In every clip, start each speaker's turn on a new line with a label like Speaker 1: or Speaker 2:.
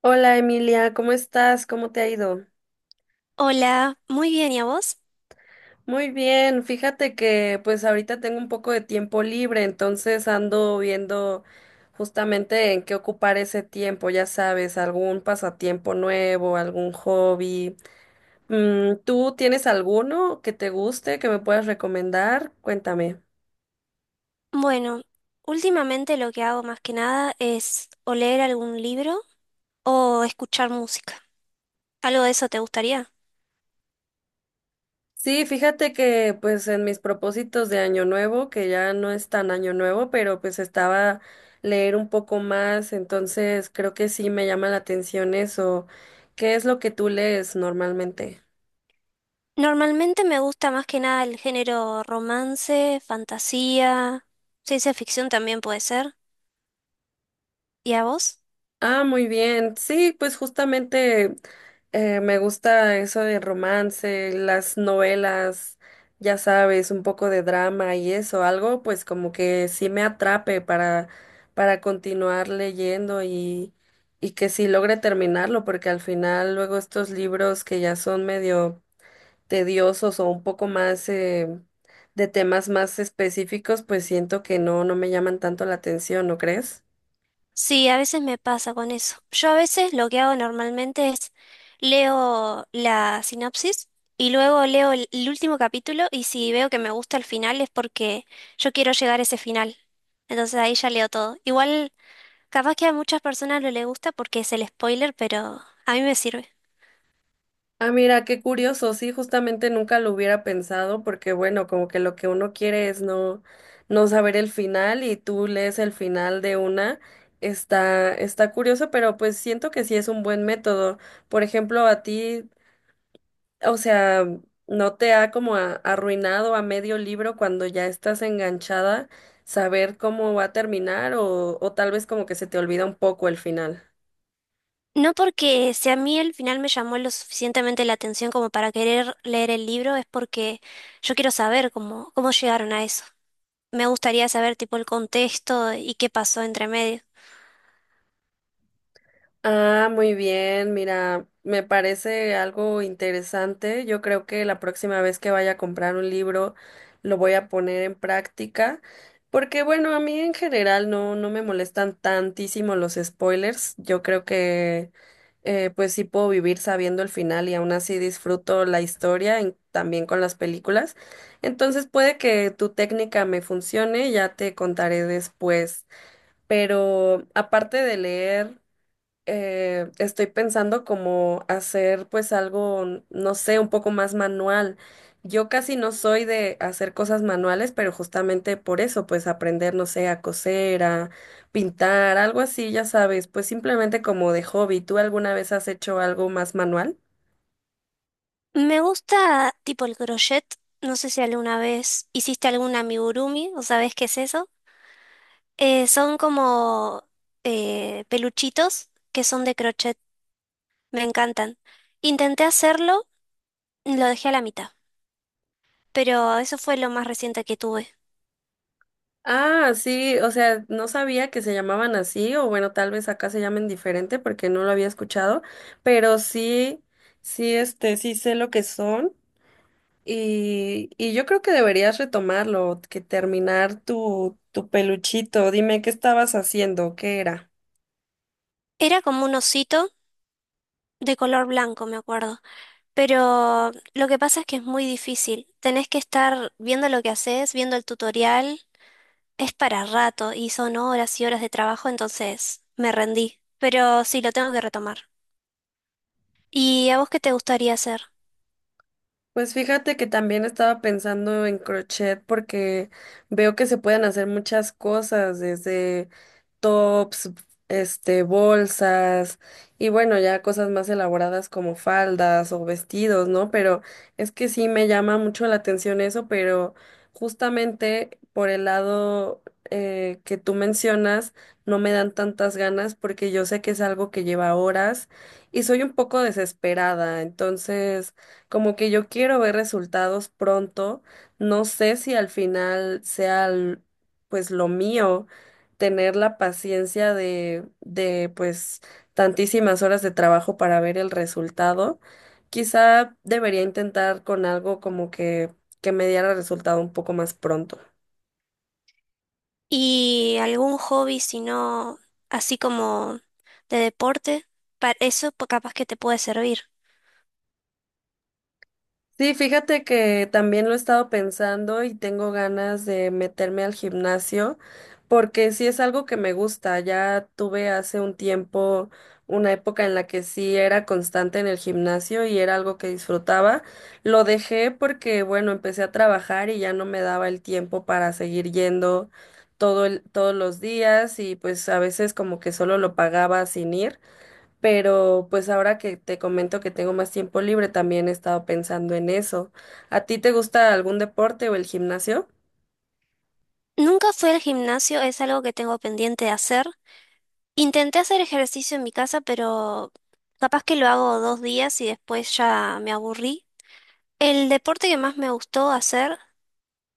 Speaker 1: Hola Emilia, ¿cómo estás? ¿Cómo te ha ido?
Speaker 2: Hola, muy bien, ¿y a vos?
Speaker 1: Muy bien, fíjate que pues ahorita tengo un poco de tiempo libre, entonces ando viendo justamente en qué ocupar ese tiempo, ya sabes, algún pasatiempo nuevo, algún hobby. ¿Tú tienes alguno que te guste, que me puedas recomendar? Cuéntame.
Speaker 2: Bueno, últimamente lo que hago más que nada es o leer algún libro o escuchar música. ¿Algo de eso te gustaría?
Speaker 1: Sí, fíjate que pues en mis propósitos de año nuevo, que ya no es tan año nuevo, pero pues estaba leer un poco más, entonces creo que sí me llama la atención eso. ¿Qué es lo que tú lees normalmente?
Speaker 2: Normalmente me gusta más que nada el género romance, fantasía, ciencia ficción también puede ser. ¿Y a vos?
Speaker 1: Ah, muy bien. Sí, pues justamente me gusta eso de romance, las novelas, ya sabes, un poco de drama y eso, algo pues como que sí me atrape para continuar leyendo y que sí logre terminarlo, porque al final luego estos libros que ya son medio tediosos o un poco más de temas más específicos, pues siento que no, no me llaman tanto la atención, ¿no crees?
Speaker 2: Sí, a veces me pasa con eso. Yo a veces lo que hago normalmente es leo la sinopsis y luego leo el último capítulo y si veo que me gusta el final es porque yo quiero llegar a ese final. Entonces ahí ya leo todo. Igual, capaz que a muchas personas no les gusta porque es el spoiler, pero a mí me sirve.
Speaker 1: Ah, mira, qué curioso. Sí, justamente nunca lo hubiera pensado porque, bueno, como que lo que uno quiere es no, no saber el final y tú lees el final de una. Está curioso, pero pues siento que sí es un buen método. Por ejemplo, a ti, o sea, ¿no te ha como arruinado a medio libro cuando ya estás enganchada saber cómo va a terminar o tal vez como que se te olvida un poco el final?
Speaker 2: No porque si a mí el final me llamó lo suficientemente la atención como para querer leer el libro, es porque yo quiero saber cómo llegaron a eso. Me gustaría saber tipo el contexto y qué pasó entre medio.
Speaker 1: Ah, muy bien, mira, me parece algo interesante. Yo creo que la próxima vez que vaya a comprar un libro lo voy a poner en práctica, porque bueno, a mí en general no, no me molestan tantísimo los spoilers. Yo creo que pues sí puedo vivir sabiendo el final y aún así disfruto la historia también con las películas. Entonces puede que tu técnica me funcione, ya te contaré después. Pero aparte de leer estoy pensando como hacer pues algo, no sé, un poco más manual. Yo casi no soy de hacer cosas manuales, pero justamente por eso, pues aprender, no sé, a coser, a pintar, algo así, ya sabes, pues simplemente como de hobby. ¿Tú alguna vez has hecho algo más manual?
Speaker 2: Me gusta tipo el crochet. No sé si alguna vez hiciste algún amigurumi o sabes qué es eso. Son como peluchitos que son de crochet. Me encantan. Intenté hacerlo, lo dejé a la mitad, pero eso fue lo más reciente que tuve.
Speaker 1: Ah, sí, o sea, no sabía que se llamaban así, o bueno, tal vez acá se llamen diferente porque no lo había escuchado, pero sí, sí, este, sí sé lo que son. Y yo creo que deberías retomarlo, que terminar tu peluchito. Dime, ¿qué estabas haciendo? ¿Qué era?
Speaker 2: Era como un osito de color blanco, me acuerdo, pero lo que pasa es que es muy difícil. Tenés que estar viendo lo que haces, viendo el tutorial. Es para rato y son horas y horas de trabajo, entonces me rendí. Pero sí, lo tengo que retomar. ¿Y a vos qué te gustaría hacer?
Speaker 1: Pues fíjate que también estaba pensando en crochet porque veo que se pueden hacer muchas cosas, desde tops, este, bolsas y bueno, ya cosas más elaboradas como faldas o vestidos, ¿no? Pero es que sí me llama mucho la atención eso, pero justamente por el lado que tú mencionas, no me dan tantas ganas porque yo sé que es algo que lleva horas y soy un poco desesperada, entonces... Como que yo quiero ver resultados pronto. No sé si al final sea pues lo mío tener la paciencia de pues tantísimas horas de trabajo para ver el resultado. Quizá debería intentar con algo como que me diera resultado un poco más pronto.
Speaker 2: ¿Y algún hobby, si no, así como de deporte? Para eso pues, capaz que te puede servir.
Speaker 1: Sí, fíjate que también lo he estado pensando y tengo ganas de meterme al gimnasio porque sí es algo que me gusta. Ya tuve hace un tiempo una época en la que sí era constante en el gimnasio y era algo que disfrutaba. Lo dejé porque, bueno, empecé a trabajar y ya no me daba el tiempo para seguir yendo todos los días y pues a veces como que solo lo pagaba sin ir. Pero pues ahora que te comento que tengo más tiempo libre, también he estado pensando en eso. ¿A ti te gusta algún deporte o el gimnasio?
Speaker 2: Nunca fui al gimnasio, es algo que tengo pendiente de hacer. Intenté hacer ejercicio en mi casa, pero capaz que lo hago 2 días y después ya me aburrí. El deporte que más me gustó hacer,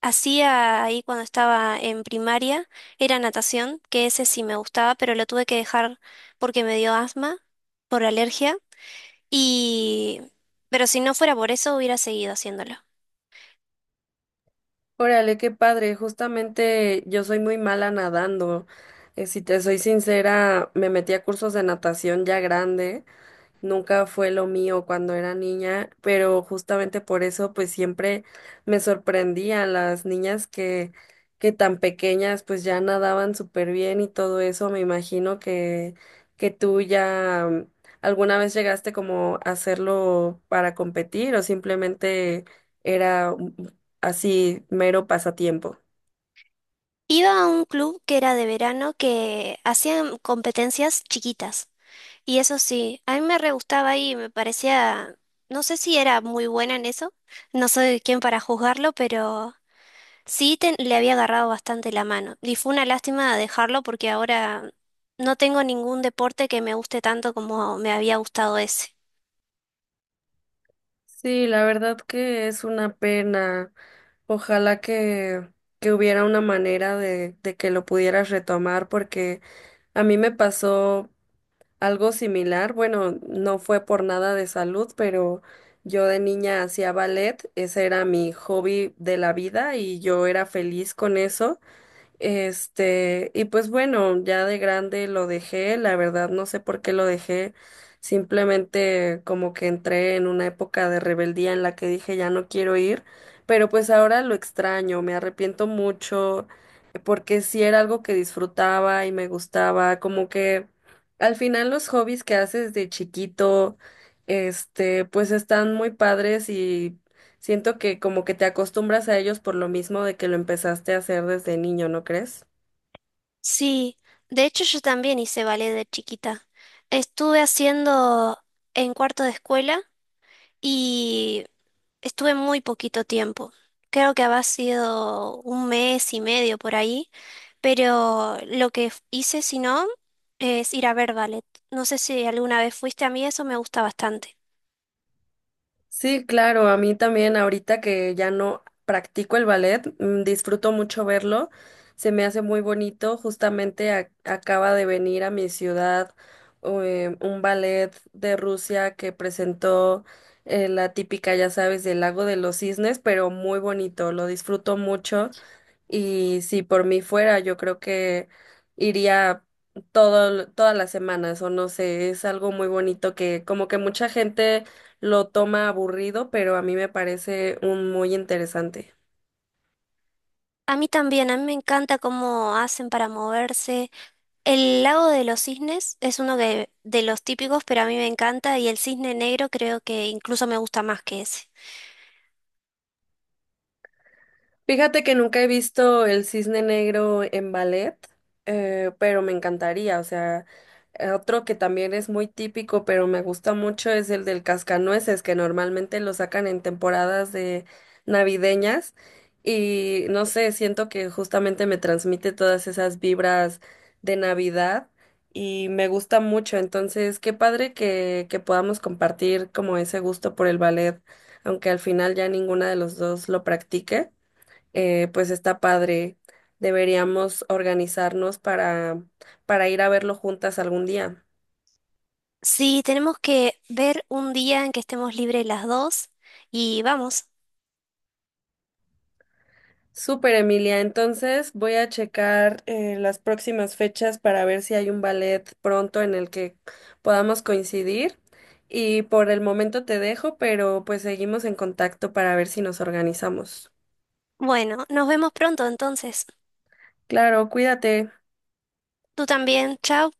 Speaker 2: hacía ahí cuando estaba en primaria, era natación, que ese sí me gustaba, pero lo tuve que dejar porque me dio asma por alergia. Y... Pero si no fuera por eso, hubiera seguido haciéndolo.
Speaker 1: Órale, qué padre. Justamente yo soy muy mala nadando. Si te soy sincera, me metí a cursos de natación ya grande, nunca fue lo mío cuando era niña, pero justamente por eso pues siempre me sorprendían las niñas que tan pequeñas pues ya nadaban súper bien y todo eso. Me imagino que tú ya alguna vez llegaste como a hacerlo para competir o simplemente era así mero pasatiempo.
Speaker 2: Iba a un club que era de verano que hacían competencias chiquitas. Y eso sí, a mí me re gustaba y me parecía, no sé si era muy buena en eso, no soy quien para juzgarlo, pero sí le había agarrado bastante la mano. Y fue una lástima dejarlo porque ahora no tengo ningún deporte que me guste tanto como me había gustado ese.
Speaker 1: Sí, la verdad que es una pena. Ojalá que hubiera una manera de que lo pudieras retomar, porque a mí me pasó algo similar. Bueno, no fue por nada de salud, pero yo de niña hacía ballet, ese era mi hobby de la vida y yo era feliz con eso. Este, y pues bueno, ya de grande lo dejé, la verdad no sé por qué lo dejé, simplemente como que entré en una época de rebeldía en la que dije ya no quiero ir, pero pues ahora lo extraño, me arrepiento mucho, porque sí era algo que disfrutaba y me gustaba, como que al final los hobbies que haces de chiquito, este, pues están muy padres y siento que como que te acostumbras a ellos por lo mismo de que lo empezaste a hacer desde niño, ¿no crees?
Speaker 2: Sí, de hecho yo también hice ballet de chiquita. Estuve haciendo en cuarto de escuela y estuve muy poquito tiempo. Creo que había sido un mes y medio por ahí. Pero lo que hice, si no, es ir a ver ballet. No sé si alguna vez fuiste. A mí eso me gusta bastante.
Speaker 1: Sí, claro, a mí también ahorita que ya no practico el ballet, disfruto mucho verlo, se me hace muy bonito, justamente acaba de venir a mi ciudad un ballet de Rusia que presentó la típica, ya sabes, del Lago de los Cisnes, pero muy bonito, lo disfruto mucho. Y si por mí fuera, yo creo que iría todas las semanas, o no sé, es algo muy bonito que como que mucha gente lo toma aburrido, pero a mí me parece un muy interesante.
Speaker 2: A mí también, a mí me encanta cómo hacen para moverse. El Lago de los Cisnes es uno de los típicos, pero a mí me encanta y El Cisne Negro creo que incluso me gusta más que ese.
Speaker 1: Fíjate que nunca he visto el cisne negro en ballet, pero me encantaría. O sea, otro que también es muy típico, pero me gusta mucho es el del cascanueces, que normalmente lo sacan en temporadas de navideñas. Y no sé, siento que justamente me transmite todas esas vibras de Navidad y me gusta mucho. Entonces, qué padre que podamos compartir como ese gusto por el ballet, aunque al final ya ninguna de los dos lo practique, pues está padre. Deberíamos organizarnos para ir a verlo juntas algún día.
Speaker 2: Sí, tenemos que ver un día en que estemos libres las dos y vamos.
Speaker 1: Súper, Emilia. Entonces voy a checar las próximas fechas para ver si hay un ballet pronto en el que podamos coincidir. Y por el momento te dejo, pero pues seguimos en contacto para ver si nos organizamos.
Speaker 2: Bueno, nos vemos pronto entonces.
Speaker 1: Claro, cuídate.
Speaker 2: Tú también, chao.